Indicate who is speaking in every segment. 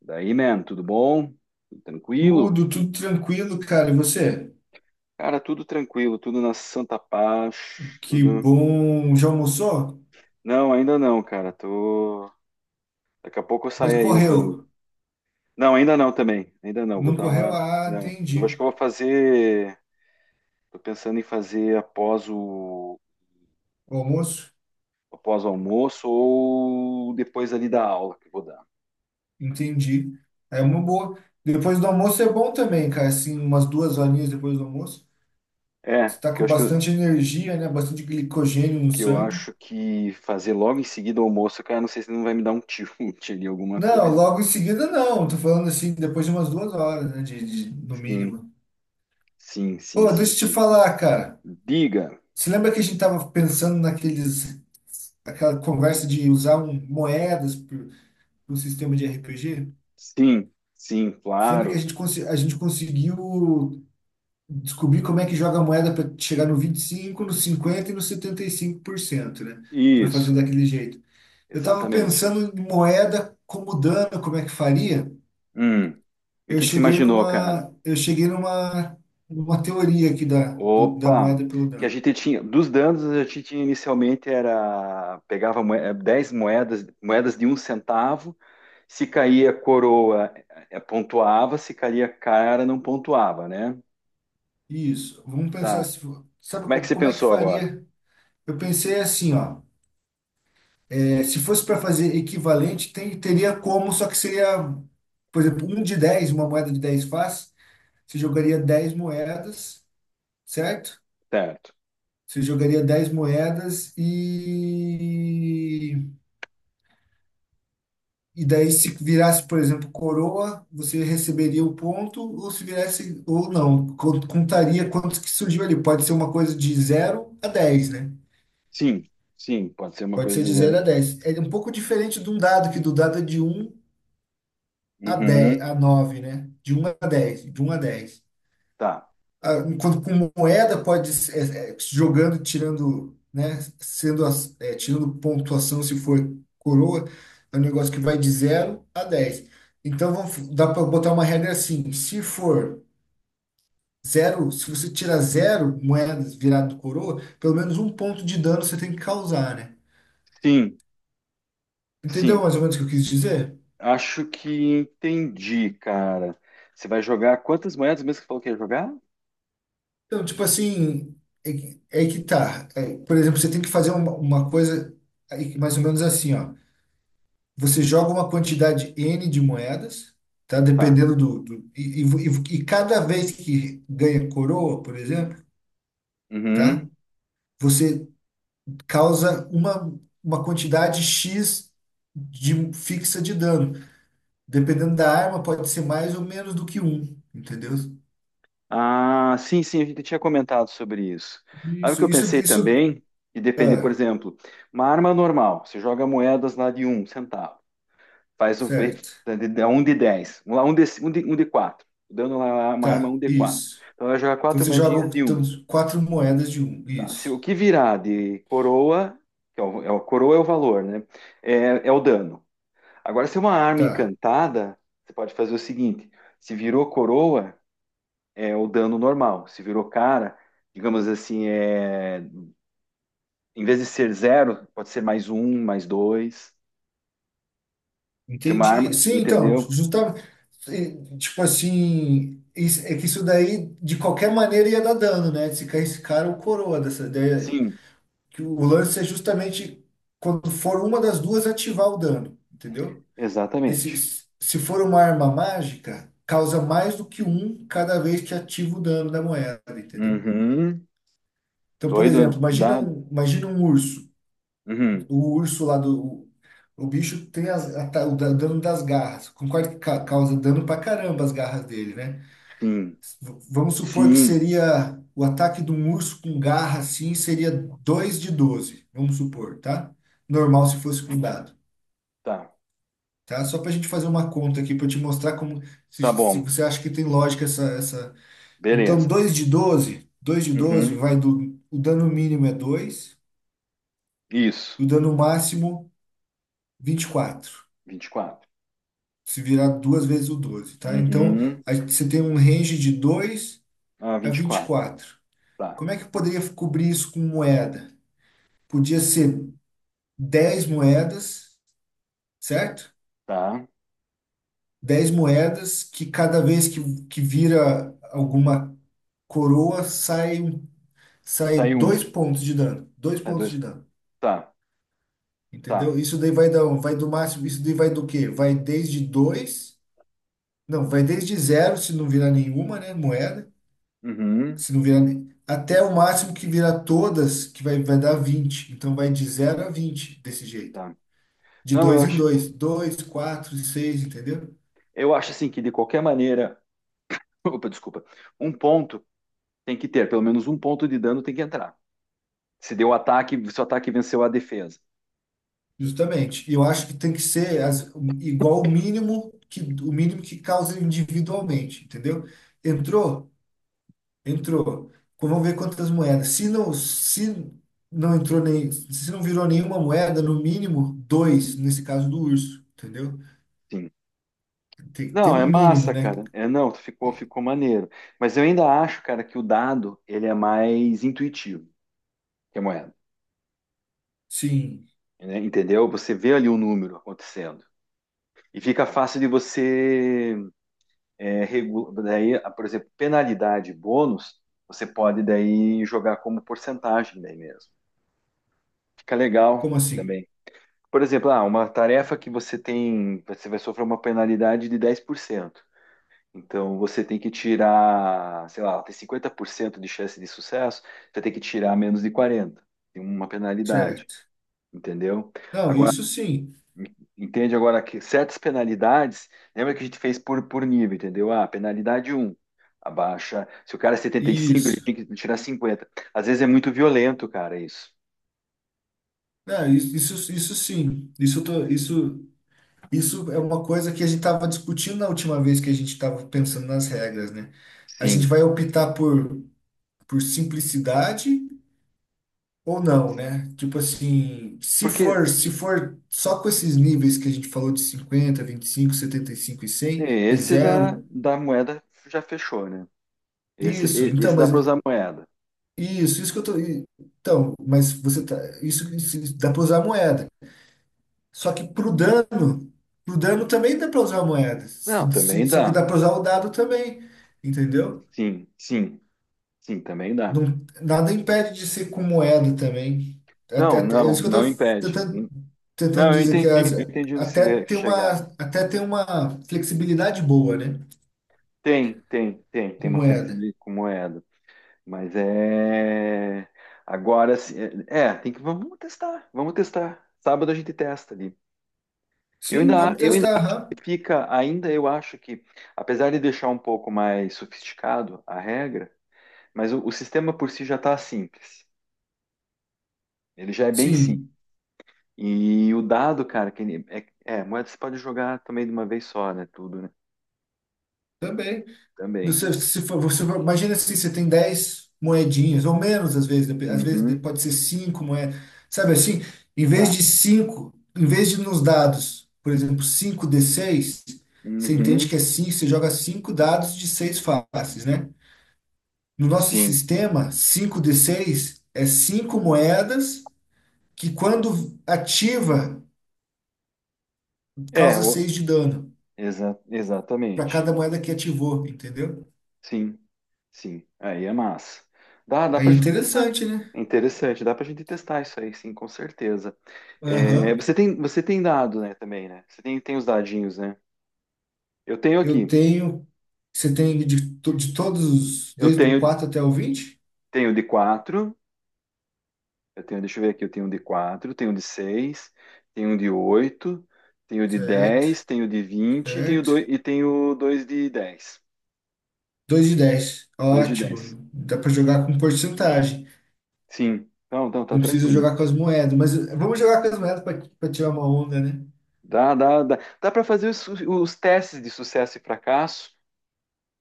Speaker 1: Daí, man, tudo bom? Tudo tranquilo?
Speaker 2: Tudo, tudo tranquilo, cara. E você?
Speaker 1: Cara, tudo tranquilo, tudo na santa paz,
Speaker 2: Que
Speaker 1: tudo...
Speaker 2: bom. Já almoçou?
Speaker 1: Não, ainda não, cara, tô... Daqui a pouco eu
Speaker 2: Mas
Speaker 1: sai aí o rango.
Speaker 2: correu.
Speaker 1: Não, ainda não também, ainda não, vou
Speaker 2: Não
Speaker 1: dar
Speaker 2: correu?
Speaker 1: uma...
Speaker 2: Ah,
Speaker 1: Não, eu acho
Speaker 2: entendi.
Speaker 1: que eu vou fazer... Tô pensando em fazer após o...
Speaker 2: O almoço?
Speaker 1: após o almoço ou depois ali da aula que eu vou dar.
Speaker 2: Entendi. É uma boa. Depois do almoço é bom também, cara. Assim, umas duas horinhas depois do almoço.
Speaker 1: É,
Speaker 2: Você tá
Speaker 1: porque eu
Speaker 2: com
Speaker 1: acho
Speaker 2: bastante energia, né? Bastante glicogênio no
Speaker 1: que eu
Speaker 2: sangue.
Speaker 1: acho que fazer logo em seguida o almoço, cara, não sei se não vai me dar um tilt ali, alguma
Speaker 2: Não,
Speaker 1: coisa.
Speaker 2: logo em seguida não. Tô falando assim, depois de umas duas horas, né? No
Speaker 1: Sim,
Speaker 2: mínimo.
Speaker 1: sim, sim,
Speaker 2: Pô,
Speaker 1: sim,
Speaker 2: deixa eu te
Speaker 1: sim.
Speaker 2: falar, cara.
Speaker 1: Diga.
Speaker 2: Você lembra que a gente tava pensando naqueles, aquela conversa de usar um, moedas um sistema de RPG.
Speaker 1: Sim, sim,
Speaker 2: Você lembra que a
Speaker 1: claro.
Speaker 2: gente, consi- a gente conseguiu descobrir como é que joga a moeda para chegar no 25, no 50 e no 75%, né? Para fazer
Speaker 1: Isso,
Speaker 2: daquele jeito. Eu estava
Speaker 1: exatamente.
Speaker 2: pensando em moeda como dano, como é que faria.
Speaker 1: Hum. E o
Speaker 2: Eu
Speaker 1: que que você
Speaker 2: cheguei
Speaker 1: imaginou, cara?
Speaker 2: numa, eu cheguei numa, numa teoria aqui da
Speaker 1: Opa,
Speaker 2: moeda pelo
Speaker 1: que a
Speaker 2: dano.
Speaker 1: gente tinha, dos danos a gente tinha inicialmente era, pegava moedas de um centavo, se caía coroa, pontuava, se caía cara, não pontuava, né?
Speaker 2: Isso. Vamos pensar
Speaker 1: Tá.
Speaker 2: se, sabe
Speaker 1: Como é que você
Speaker 2: como é que
Speaker 1: pensou agora?
Speaker 2: faria? Eu pensei assim, ó. Se fosse para fazer equivalente, teria como, só que seria, por exemplo, um de dez, uma moeda de 10 faz, você jogaria 10 moedas, certo?
Speaker 1: Certo.
Speaker 2: Você jogaria 10 moedas. E daí, se virasse, por exemplo, coroa, você receberia o ponto, ou se virasse, ou não, contaria quantos que surgiu ali. Pode ser uma coisa de zero a dez, né?
Speaker 1: Sim, sim, pode ser uma
Speaker 2: Pode
Speaker 1: coisa
Speaker 2: ser
Speaker 1: de
Speaker 2: de zero
Speaker 1: zero.
Speaker 2: a dez. É um pouco diferente de um dado, que do dado é de um a dez,
Speaker 1: Uhum,
Speaker 2: a nove, né? De um a dez, de um a dez.
Speaker 1: tá.
Speaker 2: Ah, enquanto com moeda pode jogando, tirando, né? Sendo tirando pontuação se for coroa, é um negócio que vai de zero a dez. Então vamos, dá para botar uma regra assim, se for zero, se você tirar zero moedas virado coroa, pelo menos um ponto de dano você tem que causar, né?
Speaker 1: Sim,
Speaker 2: Entendeu
Speaker 1: sim,
Speaker 2: mais ou menos o que eu quis dizer?
Speaker 1: Acho que entendi, cara. Você vai jogar quantas moedas mesmo que você falou que ia jogar?
Speaker 2: Então, tipo assim, que é que tá. Por exemplo, você tem que fazer uma coisa aí, mais ou menos assim, ó. Você joga uma quantidade N de moedas, tá?
Speaker 1: Tá.
Speaker 2: Dependendo do. E cada vez que ganha coroa, por exemplo, tá?
Speaker 1: Uhum.
Speaker 2: Você causa uma quantidade X de fixa de dano. Dependendo da arma, pode ser mais ou menos do que um, entendeu?
Speaker 1: Ah, sim, sim, a gente tinha comentado sobre isso. Sabe o
Speaker 2: Isso,
Speaker 1: que eu
Speaker 2: isso,
Speaker 1: pensei
Speaker 2: isso.
Speaker 1: também? E depender, por
Speaker 2: Ah,
Speaker 1: exemplo, uma arma normal, você joga moedas lá de um centavo, faz um, fe-
Speaker 2: certo.
Speaker 1: de- um de 10, um, lá, um, de, um, de, um de 4, dando lá uma arma
Speaker 2: Tá,
Speaker 1: um de 4.
Speaker 2: isso.
Speaker 1: Então ela joga
Speaker 2: Então
Speaker 1: quatro
Speaker 2: você
Speaker 1: moedinhas
Speaker 2: joga
Speaker 1: de
Speaker 2: então,
Speaker 1: um.
Speaker 2: quatro moedas de um.
Speaker 1: Tá? Se
Speaker 2: Isso.
Speaker 1: o que virar de coroa, que é coroa é o valor, né? É, é o dano. Agora, se é uma arma
Speaker 2: Tá.
Speaker 1: encantada, você pode fazer o seguinte: se virou coroa, é o dano normal. Se virou cara, digamos assim, é... em vez de ser zero, pode ser mais um, mais dois. Se é uma arma,
Speaker 2: Entendi. Sim, então,
Speaker 1: entendeu?
Speaker 2: justamente. Tipo assim, é que isso daí, de qualquer maneira, ia dar dano, né? Se caísse cara ou coroa dessa ideia.
Speaker 1: Sim,
Speaker 2: Que o lance é justamente quando for uma das duas ativar o dano, entendeu? Desse,
Speaker 1: exatamente.
Speaker 2: Se for uma arma mágica, causa mais do que um cada vez que ativa o dano da moeda, entendeu?
Speaker 1: Uhum.
Speaker 2: Então, por
Speaker 1: Doido,
Speaker 2: exemplo, imagina
Speaker 1: dá.
Speaker 2: um, imagina um urso.
Speaker 1: Uhum.
Speaker 2: O urso lá do. O bicho tem as- a ta- o da- dano das garras. Concordo que causa dano pra caramba as garras dele, né?
Speaker 1: Sim,
Speaker 2: Vamos supor que
Speaker 1: sim,
Speaker 2: seria o ataque de um urso com garra assim, seria 2d12, vamos supor, tá? Normal se fosse com dado,
Speaker 1: tá,
Speaker 2: tá? Só pra gente fazer uma conta aqui para te mostrar como se,
Speaker 1: tá
Speaker 2: se
Speaker 1: bom,
Speaker 2: você acha que tem lógica essa. Então,
Speaker 1: beleza.
Speaker 2: dois de doze
Speaker 1: Uhum.
Speaker 2: vai do, o dano mínimo é dois,
Speaker 1: Isso,
Speaker 2: o dano máximo 24,
Speaker 1: 24.
Speaker 2: se virar duas vezes o 12, tá? Então,
Speaker 1: Uhum.
Speaker 2: você tem um range de 2
Speaker 1: Ah,
Speaker 2: a
Speaker 1: vinte e
Speaker 2: vinte e
Speaker 1: quatro.
Speaker 2: quatro.
Speaker 1: tá,
Speaker 2: Como é que eu poderia cobrir isso com moeda? Podia ser 10 moedas, certo?
Speaker 1: tá.
Speaker 2: 10 moedas que cada vez que vira alguma coroa sai, sai
Speaker 1: Sai um,
Speaker 2: dois pontos de dano. Dois
Speaker 1: sai
Speaker 2: pontos
Speaker 1: dois,
Speaker 2: de dano.
Speaker 1: tá. Tá.
Speaker 2: Entendeu? Isso daí vai dar, vai do máximo, isso daí vai do quê? Vai desde 2? Não, vai desde zero se não virar nenhuma, né, moeda.
Speaker 1: Uhum,
Speaker 2: Se não virar até o máximo que virar todas, que vai, vai dar vinte. Então vai de zero a 20 desse jeito.
Speaker 1: tá.
Speaker 2: De
Speaker 1: Não,
Speaker 2: dois em dois, dois, quatro, seis, entendeu?
Speaker 1: eu acho assim que de qualquer maneira, opa, desculpa, um ponto tem que ter, pelo menos um ponto de dano tem que entrar. Se deu ataque, se o ataque venceu a defesa.
Speaker 2: Justamente. E eu acho que tem que ser igual o mínimo, que o mínimo que causa individualmente, entendeu? Entrou? Entrou. Então, vamos ver quantas moedas. Se não entrou nem, se não virou nenhuma moeda, no mínimo dois, nesse caso do urso, entendeu?
Speaker 1: Sim.
Speaker 2: Tem, tem
Speaker 1: Não, é
Speaker 2: um mínimo,
Speaker 1: massa,
Speaker 2: né?
Speaker 1: cara. É, não, ficou maneiro. Mas eu ainda acho, cara, que o dado ele é mais intuitivo que a moeda,
Speaker 2: Sim.
Speaker 1: né? Entendeu? Você vê ali o número acontecendo e fica fácil de você ah, por exemplo, penalidade e bônus, você pode daí jogar como porcentagem daí mesmo. Fica
Speaker 2: Como
Speaker 1: legal
Speaker 2: assim?
Speaker 1: também. Por exemplo, ah, uma tarefa que você tem, você vai sofrer uma penalidade de 10%. Então você tem que tirar, sei lá, ela tem 50% de chance de sucesso, você tem que tirar menos de 40, tem uma penalidade,
Speaker 2: Certo.
Speaker 1: entendeu?
Speaker 2: Não,
Speaker 1: Agora
Speaker 2: isso sim.
Speaker 1: Entende agora que certas penalidades, lembra que a gente fez por nível, entendeu? Ah, penalidade um abaixa. Se o cara é setenta e cinco ele
Speaker 2: Isso.
Speaker 1: tinha que tirar cinquenta. Às vezes é muito violento, cara, isso.
Speaker 2: Não, isso sim. Isso, isso, isso é uma coisa que a gente estava discutindo na última vez que a gente estava pensando nas regras, né? A gente
Speaker 1: Sim.
Speaker 2: vai optar por simplicidade ou não, né? Tipo assim, se
Speaker 1: Porque
Speaker 2: for, se for só com esses níveis que a gente falou de cinquenta, vinte e cinco, setenta e 100, e cem e
Speaker 1: esse da,
Speaker 2: zero,
Speaker 1: da moeda já fechou, né?
Speaker 2: isso. Então,
Speaker 1: Esse dá
Speaker 2: mas
Speaker 1: para usar moeda.
Speaker 2: isso que eu tô. Então, mas você tá. Isso dá para usar a moeda. Só que pro dano também dá para usar a moeda.
Speaker 1: Não, também
Speaker 2: Só que
Speaker 1: dá.
Speaker 2: dá para usar o dado também, entendeu?
Speaker 1: Sim, sim, sim, também dá.
Speaker 2: Não- nada impede de ser com moeda também. É isso que eu
Speaker 1: Não
Speaker 2: tô
Speaker 1: impede.
Speaker 2: tentando, tentando
Speaker 1: Não,
Speaker 2: dizer que
Speaker 1: eu entendi onde você
Speaker 2: até
Speaker 1: quer
Speaker 2: tem uma,
Speaker 1: chegar.
Speaker 2: até tem uma flexibilidade boa, né?
Speaker 1: Tem
Speaker 2: Com
Speaker 1: uma
Speaker 2: moeda.
Speaker 1: flexibilidade com moeda. Mas é. Agora sim. Tem que. Vamos testar. Vamos testar. Sábado a gente testa ali. Eu
Speaker 2: Sim,
Speaker 1: ainda,
Speaker 2: vamos
Speaker 1: eu ainda
Speaker 2: testar, aham.
Speaker 1: fica, ainda eu acho que, apesar de deixar um pouco mais sofisticado a regra, mas o sistema por si já está simples. Ele já é bem simples.
Speaker 2: Sim,
Speaker 1: E o dado, cara, que ele- é, é, moeda você pode jogar também de uma vez só, né? Tudo, né?
Speaker 2: também.
Speaker 1: Também.
Speaker 2: Você, se for, você, imagina assim, você tem 10 moedinhas, ou menos às vezes, às vezes
Speaker 1: Uhum,
Speaker 2: pode ser cinco moedas, sabe assim? Em vez
Speaker 1: tá.
Speaker 2: de cinco, em vez de nos dados, por exemplo, 5d6, você entende que
Speaker 1: Uhum,
Speaker 2: é cinco, você joga 5 dados de seis faces, né? No nosso
Speaker 1: sim.
Speaker 2: sistema, 5d6 é 5 moedas que quando ativa,
Speaker 1: É,
Speaker 2: causa
Speaker 1: o-
Speaker 2: 6 de dano, para
Speaker 1: exatamente.
Speaker 2: cada moeda que ativou, entendeu?
Speaker 1: Sim, sim. Aí é massa. Dá
Speaker 2: É
Speaker 1: pra gente testar.
Speaker 2: interessante, né?
Speaker 1: É interessante, dá pra gente testar isso aí, sim, com certeza.
Speaker 2: Aham.
Speaker 1: Você tem dado, né, também, né? Tem os dadinhos, né? Eu tenho
Speaker 2: Eu
Speaker 1: aqui.
Speaker 2: tenho. Você tem de, de todos,
Speaker 1: Eu
Speaker 2: desde o
Speaker 1: tenho,
Speaker 2: 4 até o vinte.
Speaker 1: tenho de quatro, eu tenho, deixa eu ver aqui, eu tenho um de quatro, tenho um de seis, tenho um de oito, tenho de
Speaker 2: Certo,
Speaker 1: dez, tenho de vinte, tenho
Speaker 2: certo,
Speaker 1: dois, e tenho dois de dez.
Speaker 2: 2 de 10.
Speaker 1: Dois de dez.
Speaker 2: Ótimo. Dá para jogar com porcentagem.
Speaker 1: Sim. Então, então tá
Speaker 2: Não precisa
Speaker 1: tranquilo.
Speaker 2: jogar com as moedas. Mas vamos jogar com as moedas para tirar uma onda, né?
Speaker 1: Dá para fazer os testes de sucesso e fracasso.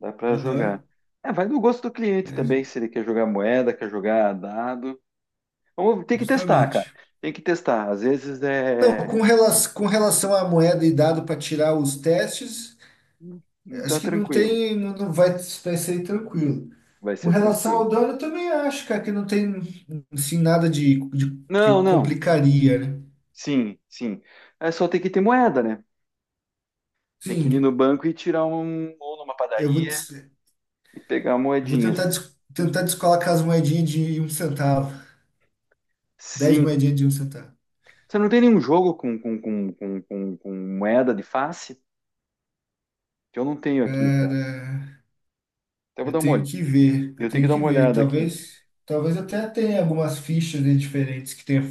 Speaker 1: Dá para jogar.
Speaker 2: Aham.
Speaker 1: É, vai do gosto do cliente
Speaker 2: É,
Speaker 1: também, se ele quer jogar moeda, quer jogar dado. Vamos, tem que testar, cara.
Speaker 2: justamente.
Speaker 1: Tem que testar. Às vezes
Speaker 2: Então,
Speaker 1: é.
Speaker 2: com relação à moeda e dado para tirar os testes,
Speaker 1: Dá
Speaker 2: acho que não
Speaker 1: tranquilo.
Speaker 2: tem. Não, não vai, vai ser tranquilo.
Speaker 1: Vai
Speaker 2: Com
Speaker 1: ser
Speaker 2: relação
Speaker 1: tranquilo.
Speaker 2: ao dano, eu também acho, cara, que não tem assim, nada
Speaker 1: Não,
Speaker 2: que
Speaker 1: não.
Speaker 2: complicaria, né?
Speaker 1: Sim, sim. É só ter que ter moeda, né? Tem que ir no
Speaker 2: Sim,
Speaker 1: banco e tirar um. Ou numa
Speaker 2: eu vou,
Speaker 1: padaria
Speaker 2: des-
Speaker 1: e pegar
Speaker 2: eu vou tentar,
Speaker 1: moedinhas.
Speaker 2: tentar descolar com as moedinhas de um centavo. Dez
Speaker 1: Sim.
Speaker 2: moedinhas de um centavo.
Speaker 1: Você não tem nenhum jogo com moeda de face? Que eu não tenho aqui, cara.
Speaker 2: Cara,
Speaker 1: Até vou
Speaker 2: eu
Speaker 1: dar uma
Speaker 2: tenho
Speaker 1: olhada.
Speaker 2: que ver, eu
Speaker 1: Eu tenho que
Speaker 2: tenho
Speaker 1: dar
Speaker 2: que
Speaker 1: uma
Speaker 2: ver.
Speaker 1: olhada aqui.
Speaker 2: Talvez, talvez até tenha algumas fichas, né, diferentes que tenha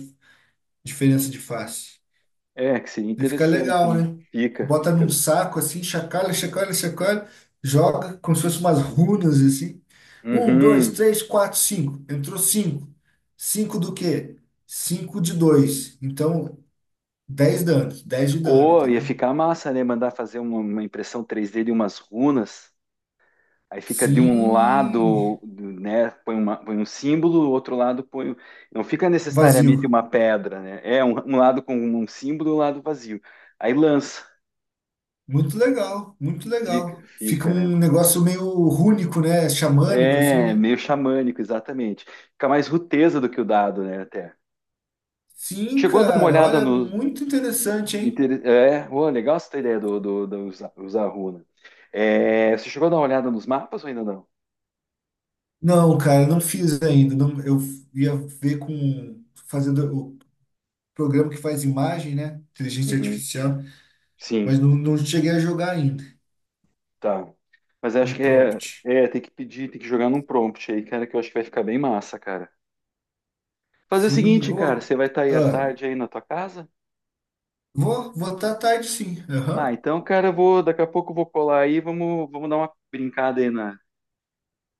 Speaker 2: diferença de face.
Speaker 1: É, que seria
Speaker 2: E fica
Speaker 1: interessante,
Speaker 2: legal,
Speaker 1: né?
Speaker 2: né?
Speaker 1: Fica,
Speaker 2: Bota
Speaker 1: fica.
Speaker 2: num
Speaker 1: Mesmo.
Speaker 2: saco assim, chacalha, chacalha, chacalha, joga como se fosse umas runas assim. Um, dois,
Speaker 1: Uhum.
Speaker 2: três, quatro, cinco. Entrou cinco. Cinco do quê? Cinco de dois. Então, dez danos, dez de dano,
Speaker 1: Ou ia
Speaker 2: entendeu?
Speaker 1: ficar massa, né? Mandar fazer uma impressão 3D de umas runas. Aí fica de um
Speaker 2: Sim,
Speaker 1: lado, né? Põe um símbolo, outro lado põe. Não fica
Speaker 2: vazio.
Speaker 1: necessariamente uma pedra, né? É um, um lado com um símbolo, um lado vazio. Aí lança.
Speaker 2: Muito legal, muito
Speaker 1: Fica,
Speaker 2: legal. Fica
Speaker 1: fica, né?
Speaker 2: um negócio meio rúnico, né? Xamânico, assim,
Speaker 1: É,
Speaker 2: né?
Speaker 1: meio xamânico, exatamente. Fica mais ruteza do que o dado, né? Até.
Speaker 2: Sim,
Speaker 1: Chegou a dar uma
Speaker 2: cara,
Speaker 1: olhada
Speaker 2: olha,
Speaker 1: no,
Speaker 2: muito interessante, hein?
Speaker 1: Inter- É, ué, legal essa ideia do usar, usar runa. É, você chegou a dar uma olhada nos mapas ou ainda não?
Speaker 2: Não, cara, não fiz ainda. Não, eu ia ver com fazendo o programa que faz imagem, né? Inteligência
Speaker 1: Uhum.
Speaker 2: artificial, mas
Speaker 1: Sim,
Speaker 2: não, não cheguei a jogar ainda
Speaker 1: tá. Mas acho
Speaker 2: no
Speaker 1: que
Speaker 2: prompt.
Speaker 1: tem que pedir, tem que jogar num prompt aí, cara, que eu acho que vai ficar bem massa, cara. Fazer o
Speaker 2: Sim,
Speaker 1: seguinte, cara,
Speaker 2: ô,
Speaker 1: você vai estar aí à
Speaker 2: ah,
Speaker 1: tarde aí na tua casa?
Speaker 2: vou votar tarde, sim.
Speaker 1: Ah,
Speaker 2: Aham.
Speaker 1: então, cara, eu vou, daqui a pouco eu vou colar aí, vamos, vamos dar uma brincada aí na,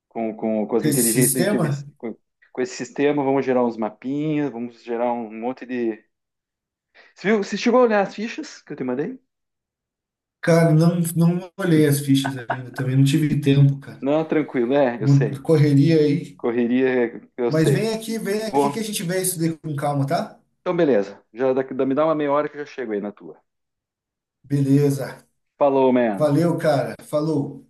Speaker 1: com as
Speaker 2: Porque esse
Speaker 1: inteligências,
Speaker 2: sistema,
Speaker 1: com esse sistema, vamos gerar uns mapinhas, vamos gerar um monte de... Você viu, você chegou a olhar as fichas que eu te mandei?
Speaker 2: cara, não, não olhei as fichas ainda também, não tive tempo, cara.
Speaker 1: Não, tranquilo, é, eu sei.
Speaker 2: Correria aí.
Speaker 1: Correria, eu
Speaker 2: Mas
Speaker 1: sei.
Speaker 2: vem aqui que
Speaker 1: Bom,
Speaker 2: a gente vê isso daí com calma, tá?
Speaker 1: então beleza. Já daqui, me dá uma meia hora que eu já chego aí na tua.
Speaker 2: Beleza.
Speaker 1: Falou, man.
Speaker 2: Valeu, cara. Falou.